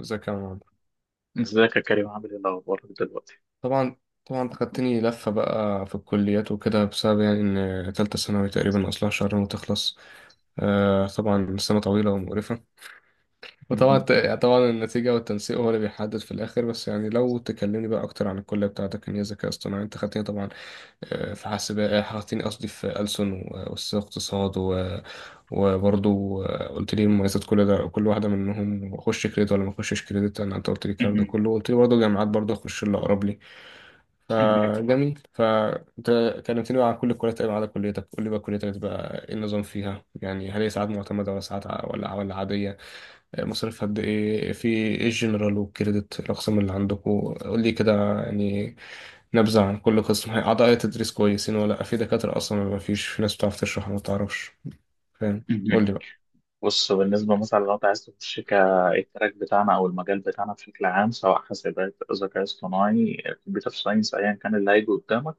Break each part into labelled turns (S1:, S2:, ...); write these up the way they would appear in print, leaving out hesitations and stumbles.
S1: ازيك يا عمر.
S2: ازيك يا كريم؟ عامل ايه الاخبار دلوقتي؟
S1: طبعا. طبعا خدتني لفة بقى في الكليات وكده، بسبب يعني إن تالتة ثانوي تقريبا أصلها شهرين وتخلص. آه طبعا سنة طويلة ومقرفة. وطبعا
S2: مهم.
S1: طبعا النتيجة والتنسيق هو اللي بيحدد في الآخر، بس يعني لو تكلمني بقى أكتر عن الكلية بتاعتك، إن هي ذكاء اصطناعي أنت خدتني طبعا. في حاسبات، خدتني قصدي، في ألسن وسياسة اقتصاد وبرضه. قلت لي مميزات كل ده، كل واحدة منهم أخش كريدت ولا ما أخشش كريدت، أنا أنت قلت لي الكلام ده
S2: مهم.
S1: كله، قلت لي برضه جامعات، برضه أخش اللي أقرب لي.
S2: مهم.
S1: فجميل، فانت كلمتني بقى عن كل الكليات تقريبا ما عدا كليتك. قول لي بقى كليتك بقى ايه النظام فيها؟ يعني هل هي ساعات معتمدة ولا عادية؟ مصاريف قد ايه؟ في ايه الجنرال والكريدت، الاقسام اللي عندكم؟ قول لي كده يعني نبذة عن كل قسم. هي اعضاء تدريس كويسين ولا لأ؟ في دكاترة اصلا ولا مفيش؟ في ناس بتعرف تشرح ولا ما بتعرفش؟ فاهم. قول
S2: مهم.
S1: لي بقى.
S2: بص، بالنسبه مثلا لو انت عايز تخش كالتراك بتاعنا او المجال بتاعنا بشكل عام، سواء حاسبات ذكاء اصطناعي كمبيوتر ساينس ايا كان اللي هيجي قدامك.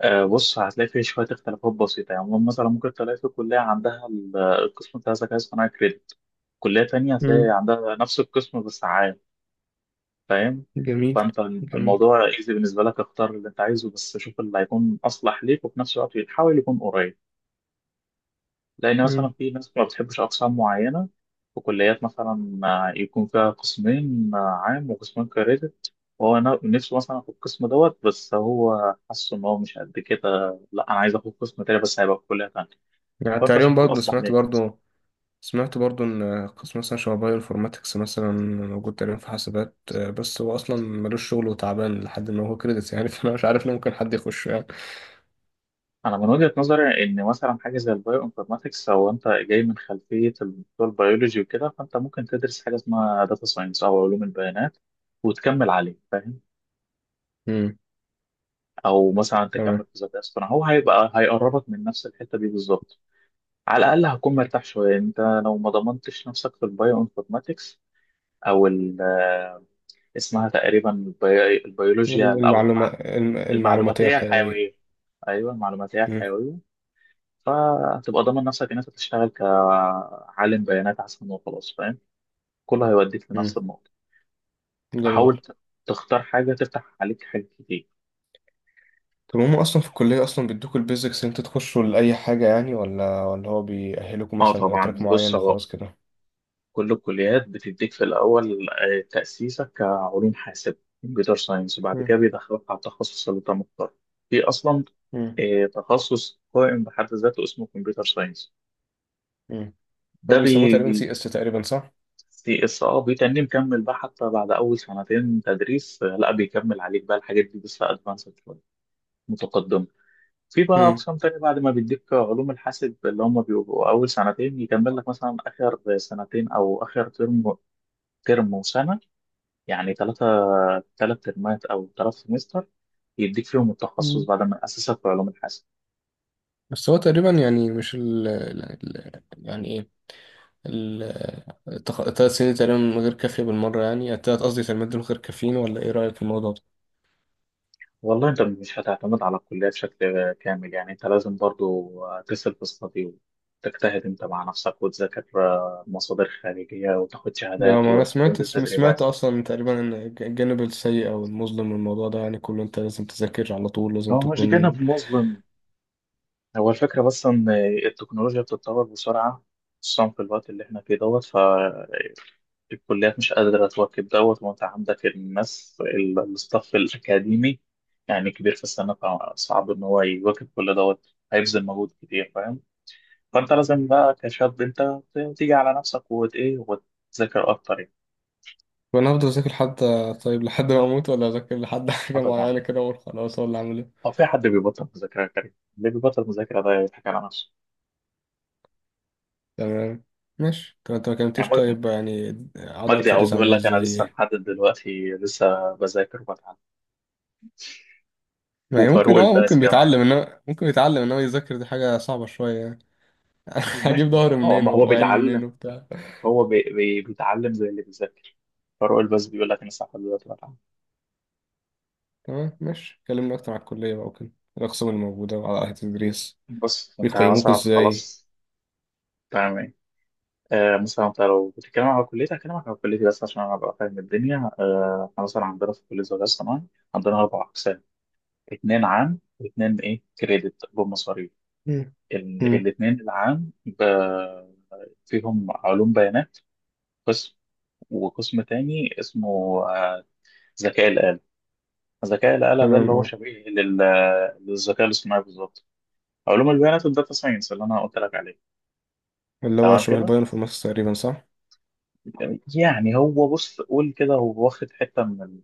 S2: بص، هتلاقي فيه شويه اختلافات بسيطه، يعني مثلا ممكن تلاقي في كليه عندها القسم بتاع الذكاء الاصطناعي كريدت، كليه تانية هتلاقي
S1: امم.
S2: عندها نفس القسم بس عام. فاهم؟
S1: جميل.
S2: فانت
S1: جميل.
S2: الموضوع ايزي بالنسبه لك، اختار اللي انت عايزه، بس شوف اللي هيكون اصلح ليك وفي نفس الوقت حاول يكون قريب. لأن مثلا
S1: امم.
S2: في ناس ما بتحبش أقسام معينة، في كليات مثلا يكون فيها قسمين، عام وقسمين كريدت. وهو نفسه مثلا في القسم دوت، بس هو حاسس إن هو مش قد كده، لا أنا عايز آخد قسم تاني بس هيبقى في كلية تانية.
S1: يعني
S2: فأنت
S1: تقريبا
S2: شوف
S1: برضه
S2: الأصلح ليه.
S1: سمعت برضو ان قسم مثلا شبه بايو انفورماتكس مثلا موجود تقريبا في حاسبات، بس هو اصلا ملوش شغل وتعبان لحد ما، هو كريدتس يعني فانا مش عارف ليه ممكن حد يخش يعني.
S2: أنا من وجهة نظري إن مثلا حاجة زي البايو انفورماتكس، أو أنت جاي من خلفية الدكتور بيولوجي وكده، فأنت ممكن تدرس حاجة اسمها داتا ساينس أو علوم البيانات وتكمل عليه. فاهم؟
S1: امم.
S2: او مثلا تكمل
S1: تمام.
S2: في ذات اصطناعي، هو هيبقى هيقربك من نفس الحته دي بالظبط. على الاقل هتكون مرتاح شويه انت لو ما ضمنتش نفسك في البايو انفورماتكس، او اسمها تقريبا البيولوجيا او
S1: المعلوماتية
S2: المعلوماتيه
S1: الحيوية.
S2: الحيويه. ايوه، المعلوماتيه
S1: امم.
S2: الحيويه. فهتبقى ضامن نفسك ان انت تشتغل كعالم بيانات احسن وخلاص. فاهم؟ كله هيوديك لنفس
S1: امم.
S2: النقطه.
S1: جميل.
S2: فحاول تختار حاجه تفتح عليك حاجات كتير.
S1: طب هم اصلا في الكلية اصلا بيدوكوا البيزكس ان انتوا تخشوا لأي حاجة يعني، ولا هو بيأهلكم
S2: اه
S1: مثلا لتراك
S2: طبعا. بص،
S1: معين
S2: هو
S1: وخلاص كده؟
S2: كل الكليات بتديك في الأول تأسيسك كعلوم حاسب كمبيوتر ساينس، وبعد كده
S1: امم.
S2: بيدخلك على التخصص اللي أنت مختاره. في أصلا
S1: امم.
S2: تخصص قائم بحد ذاته اسمه كمبيوتر ساينس،
S1: امم.
S2: ده
S1: هو
S2: بي
S1: بيسموه تقريبا
S2: بي
S1: سي اس تقريبا، صح؟
S2: سي اس. اه، بيتني مكمل بقى حتى بعد أول سنتين تدريس، لا بيكمل عليك بقى الحاجات دي بس أدفانسد شوية، متقدمة. في بقى
S1: امم.
S2: أقسام تانية بعد ما بيديك علوم الحاسب اللي هم بيبقوا أول سنتين، يكمل لك مثلا آخر سنتين أو آخر ترم، ترم وسنة، يعني ثلاث ترمات او ثلاث سمستر يديك فيهم التخصص
S1: مم.
S2: بعد ما اسسك في علوم الحاسب.
S1: بس هو تقريبا يعني مش يعني ايه، التلات سنين تقريبا من غير كافية بالمرة، يعني التلات، قصدي تلات، دول غير كافيين، ولا ايه رأيك في الموضوع ده؟
S2: والله انت مش هتعتمد على الكليه بشكل كامل، يعني انت لازم برضو تسال في الصدي وتجتهد انت مع نفسك وتذاكر مصادر خارجيه وتاخد
S1: يعني
S2: شهادات
S1: ما انا
S2: وتنزل تدريبات.
S1: سمعت اصلا تقريبا ان الجانب السيء او المظلم من الموضوع ده، يعني كله انت لازم تذاكر على طول، لازم
S2: هو مش
S1: تكون.
S2: جانب مظلم، هو الفكره بس ان التكنولوجيا بتتطور بسرعه، خصوصا في الوقت اللي احنا فيه دوت. الكليات مش قادرة تواكب دوت، وأنت عندك الناس الستاف الأكاديمي يعني كبير في السنة، فصعب إن هو يواكب كل دوت، هيبذل مجهود كتير. فاهم؟ فأنت لازم بقى كشاب أنت تيجي على نفسك وت إيه وتذاكر أكتر يعني.
S1: وانا هفضل اذاكر حتى طيب، لحد ما اموت ولا اذاكر لحد
S2: آه
S1: حاجة
S2: طبعا،
S1: معينة كده اقول خلاص، ولا اعمل ايه؟
S2: هو في حد بيبطل مذاكرة يا كريم؟ اللي بيبطل مذاكرة ده يضحك على نفسه.
S1: تمام. ماشي. طب انت ما
S2: يعني
S1: كلمتيش طيب يعني اعضاء
S2: مجدي يعقوب
S1: التدريس
S2: بيقول
S1: عامل
S2: لك أنا لسه
S1: ازاي؟
S2: لحد دلوقتي لسه بذاكر وبتعلم.
S1: ما هي
S2: وفاروق
S1: ممكن اه،
S2: الباز كمان.
S1: ممكن بيتعلم انما يذاكر، دي حاجة صعبة شوية يعني. هجيب
S2: ماشي، ما
S1: ظهر
S2: هو
S1: منين
S2: ما هو
S1: وعين
S2: بيتعلم.
S1: منين وبتاع.
S2: هو بي بي بيتعلم زي اللي بيذاكر. فاروق الباز بيقول لك انا صح دلوقتي بتعلم.
S1: تمام ماشي، كلمنا اكتر على الكلية بقى وكده، الاقسام الموجودة، وعلى اهل التدريس
S2: بص انت
S1: بيقيموك
S2: مثلا
S1: ازاي.
S2: خلاص. تمام. ايه؟ مثلا انت لو بتتكلم على كليتك هكلمك على كليتي بس عشان انا ابقى فاهم الدنيا. احنا مثلا عندنا في كليه الذكاء الصناعي، عندنا اربع اقسام، اتنين عام واتنين ايه كريدت بمصاريف.
S1: مم. مم.
S2: الاتنين العام فيهم علوم بيانات، قسم، وقسم تاني اسمه آه، ذكاء الآلة. ذكاء الآلة ده
S1: تمام
S2: اللي هو
S1: اه.
S2: شبيه للذكاء الاصطناعي بالظبط. علوم البيانات والداتا ساينس اللي انا قلت لك عليه.
S1: اللي هو
S2: تمام
S1: شبه
S2: كده،
S1: البايو انفورماتكس تقريبا، صح؟
S2: يعني هو بص، قول كده، هو واخد حته من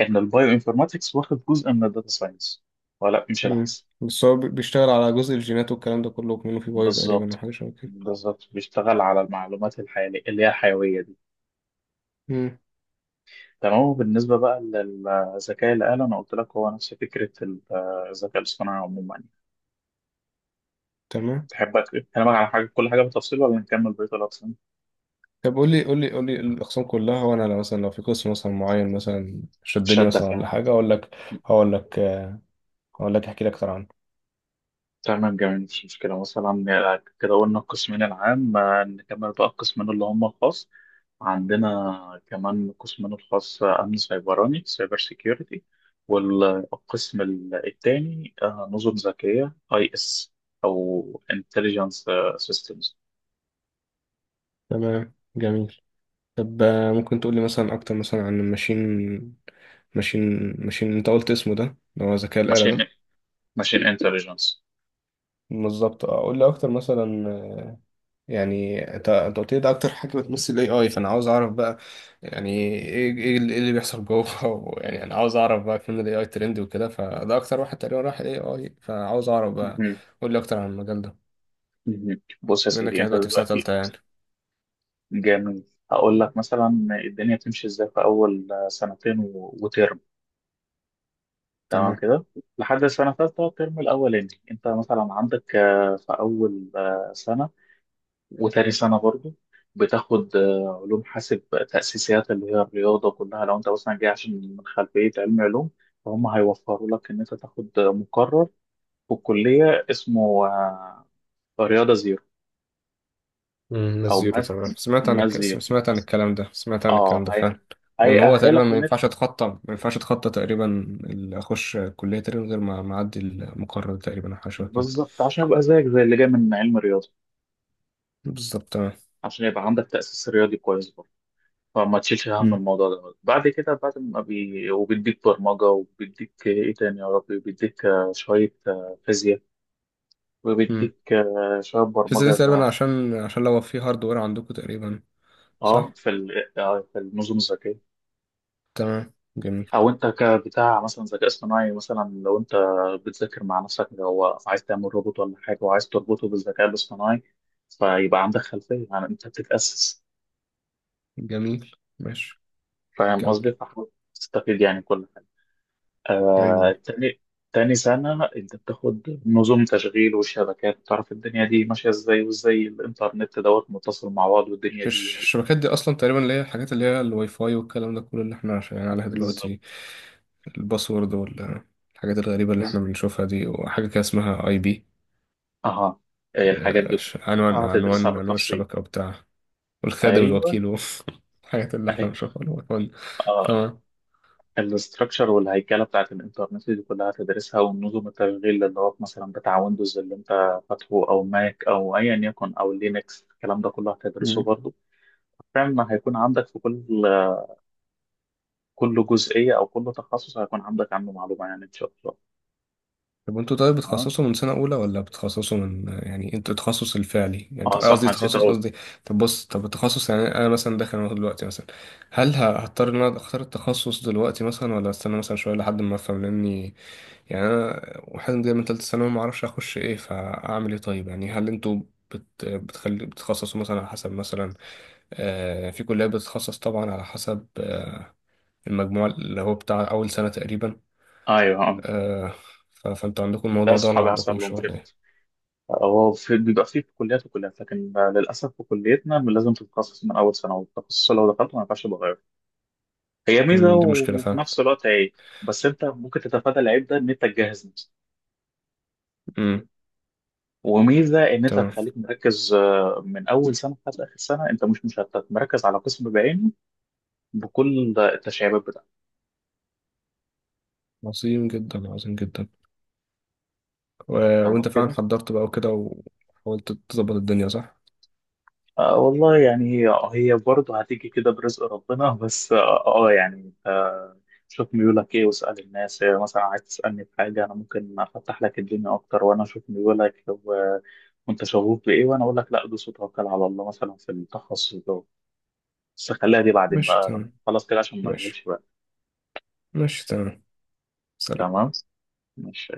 S2: ان البايو انفورماتكس واخد جزء من الداتا ساينس، ولا مش
S1: مم.
S2: العكس.
S1: بس هو بيشتغل على جزء الجينات والكلام ده كله، منه في بايو تقريبا، او
S2: بالظبط،
S1: حاجة شبه كده.
S2: بالظبط بيشتغل على المعلومات الحيوية اللي هي الحيويه دي.
S1: مم.
S2: تمام. وبالنسبه بقى للذكاء الآلي، انا قلت لك هو نفس فكره الذكاء الاصطناعي عموما.
S1: تمام.
S2: تحب اكلمك على حاجه، كل حاجه بالتفصيل، ولا نكمل بقيه الأقسام؟
S1: طب قول لي، قول لي الاقسام كلها، وانا لو مثلا، لو في قسم مثلا معين مثلا شدني مثلا،
S2: شدك
S1: ولا
S2: يعني.
S1: حاجة، اقول لك. هقول لك هقول لك احكي لك اكتر عنه.
S2: تمام، جميل، مفيش مشكلة. مثلا كده قلنا القسمين العام، نكمل بقى القسمين اللي هم الخاص. عندنا كمان قسمين الخاص، أمن سيبراني سايبر سيكيورتي، والقسم التاني نظم ذكية أي إس أو انتليجنس سيستمز.
S1: تمام جميل. طب ممكن تقولي مثلا أكتر مثلا عن الماشين، ماشين أنت قلت اسمه ده، اللي هو ذكاء الآلة
S2: ماشين
S1: ده.
S2: ماشين انتليجنس.
S1: بالظبط. قول لي أكتر مثلا. يعني أنت قلت لي ده أكتر حاجة بتمثل ال AI، فأنا عاوز أعرف بقى يعني إيه، إيه اللي بيحصل جوه يعني أنا عاوز أعرف بقى فين ال AI ترند وكده، فده أكتر واحد تقريبا راح ال AI، فعاوز أعرف بقى.
S2: مهم.
S1: قول لي أكتر عن المجال ده.
S2: مهم. بص يا
S1: بما إنك
S2: سيدي
S1: يعني
S2: أنت
S1: دلوقتي في سنة
S2: دلوقتي.
S1: تالتة يعني.
S2: جميل. هقول لك مثلا الدنيا تمشي إزاي في أول سنتين وترم. تمام
S1: تمام.
S2: كده. لحد السنة الثالثة الترم الأولاني، أنت مثلا عندك في أول سنة وتاني سنة برضو بتاخد علوم حاسب، تأسيسيات اللي هي الرياضة كلها. لو أنت مثلا جاي عشان من خلفية علم علوم، فهم هيوفروا لك إن أنت تاخد مقرر في الكلية اسمه رياضة زيرو.
S1: امم. ناس
S2: أو
S1: زيرو تمام، سمعت عن
S2: ماس زيرو.
S1: سمعت عن الكلام ده، سمعت عن الكلام
S2: أه،
S1: ده
S2: هي
S1: فعلا. وان هو تقريبا
S2: هيأهلك إن أنت
S1: ما ينفعش اتخطى تقريبا، اللي اخش كليه تقريبا غير ما اعدي المقرر تقريبا، او حاجه شبه كده.
S2: بالظبط عشان يبقى زيك زي اللي جاي من علم الرياضة،
S1: بالظبط تمام.
S2: عشان يبقى عندك تأسيس رياضي كويس. فما تشيلش هم
S1: امم.
S2: الموضوع ده. بعد كده، بعد ما وبيديك برمجة، وبيديك إيه تاني يا ربي، بيديك شوية فيزياء،
S1: امم.
S2: وبيديك شوية
S1: الفيزا دي
S2: برمجة زي ما-
S1: تقريبا عشان، لو في هاردوير عندكم تقريبا.
S2: اه
S1: صح.
S2: في ال... آه، في النظم الذكية.
S1: تمام جميل.
S2: أو أنت كبتاع مثلا ذكاء اصطناعي، مثلا لو أنت بتذاكر مع نفسك، لو عايز تعمل روبوت ولا حاجة وعايز تربطه بالذكاء الاصطناعي، فيبقى عندك خلفية، يعني أنت بتتأسس.
S1: جميل ماشي.
S2: فاهم
S1: كمل.
S2: قصدي؟ فحاول تستفيد يعني كل حاجة.
S1: ايوه.
S2: تاني، تاني سنة أنت بتاخد نظم تشغيل وشبكات، بتعرف الدنيا دي ماشية إزاي وإزاي الإنترنت دوت متصل مع بعض والدنيا دي
S1: الشبكات دي اصلا تقريبا، اللي هي الحاجات اللي هي الواي فاي والكلام ده كله، اللي احنا شغالين عليها
S2: بالظبط.
S1: دلوقتي. الباسورد والحاجات الغريبه اللي
S2: بز-
S1: احنا بنشوفها دي، وحاجه كده اسمها اي بي،
S2: أها، الحاجات دي كلها هتدرسها
S1: عنوان
S2: بالتفصيل.
S1: الشبكه وبتاع، والخادم
S2: أيوه
S1: الوكيل والحاجات اللي احنا
S2: أيوه،
S1: بنشوفها، العنوان.
S2: أه
S1: تمام.
S2: الاستراكشر والهيكلة بتاعت الإنترنت دي كلها هتدرسها، ونظم التشغيل اللي هو مثلا بتاع ويندوز اللي أنت فاتحه أو ماك أو أيا يكن أو لينكس، الكلام ده كله هتدرسه
S1: مم.
S2: برضه. فعلا هيكون عندك في كل جزئية أو كل تخصص هيكون عندك عنه معلومة يعني إن شاء الله.
S1: طب انتوا طيب
S2: اه
S1: بتخصصوا من سنة أولى، ولا بتخصصوا من، يعني انتوا التخصص الفعلي، يعني انتوا،
S2: صح
S1: قصدي
S2: نسيت
S1: تخصص
S2: أقول.
S1: قصدي. طب بص، طب التخصص يعني أنا مثلا داخل أهو دلوقتي مثلا، هل هضطر إن أنا أختار التخصص دلوقتي مثلا، ولا أستنى مثلا شوية لحد ما أفهم، لأني يعني أنا واحد جاي من تالتة ثانوي، معرفش أخش إيه فأعمل إيه. طيب يعني هل انتوا بتخلي بتخصصوا مثلا على حسب مثلا، آه في كلية بتتخصص طبعا على حسب آه المجموع اللي هو بتاع أول سنة تقريبا،
S2: أيوه
S1: آه، فانتوا عندكم
S2: ده
S1: الموضوع ده ولا ما
S2: أصحابي حصل
S1: عندكمش
S2: لهم
S1: ولا
S2: كده.
S1: إيه؟
S2: هو في بيبقى فيه في كليات وكليات، لكن للأسف في كليتنا لازم تتخصص من أول سنة، والتخصص لو دخلته ما ينفعش تغيره. هي ميزة
S1: امم. دي مشكلة
S2: وفي
S1: فعلا.
S2: نفس الوقت عيب. بس أنت ممكن تتفادى العيب ده إن أنت تجهز نفسك.
S1: امم.
S2: وميزة إن أنت
S1: تمام.
S2: تخليك مركز من أول سنة لحد آخر سنة أنت مش مشتت، مركز على قسم بعينه بكل التشعيبات بتاعته.
S1: عظيم جدا. عظيم جدا. و...
S2: تمام
S1: وانت فعلا
S2: كده.
S1: حضرت بقى وكده، وحاولت تظبط الدنيا، صح؟
S2: والله يعني هي برضه هتيجي كده برزق ربنا. بس يعني انت شوف ميولك ايه، واسأل الناس، مثلا عايز تسألني في حاجة انا ممكن افتح لك الدنيا اكتر وانا اشوف ميولك وانت شغوف بايه وانا اقول لك لا دوس وتوكل على الله مثلا في التخصص ده. بس خليها دي بعدين
S1: ماشي
S2: بقى لما
S1: تمام.
S2: خلاص كده عشان ما
S1: ماشي.
S2: اشغلش بقى.
S1: ماشي تمام. سلام.
S2: تمام، ماشي.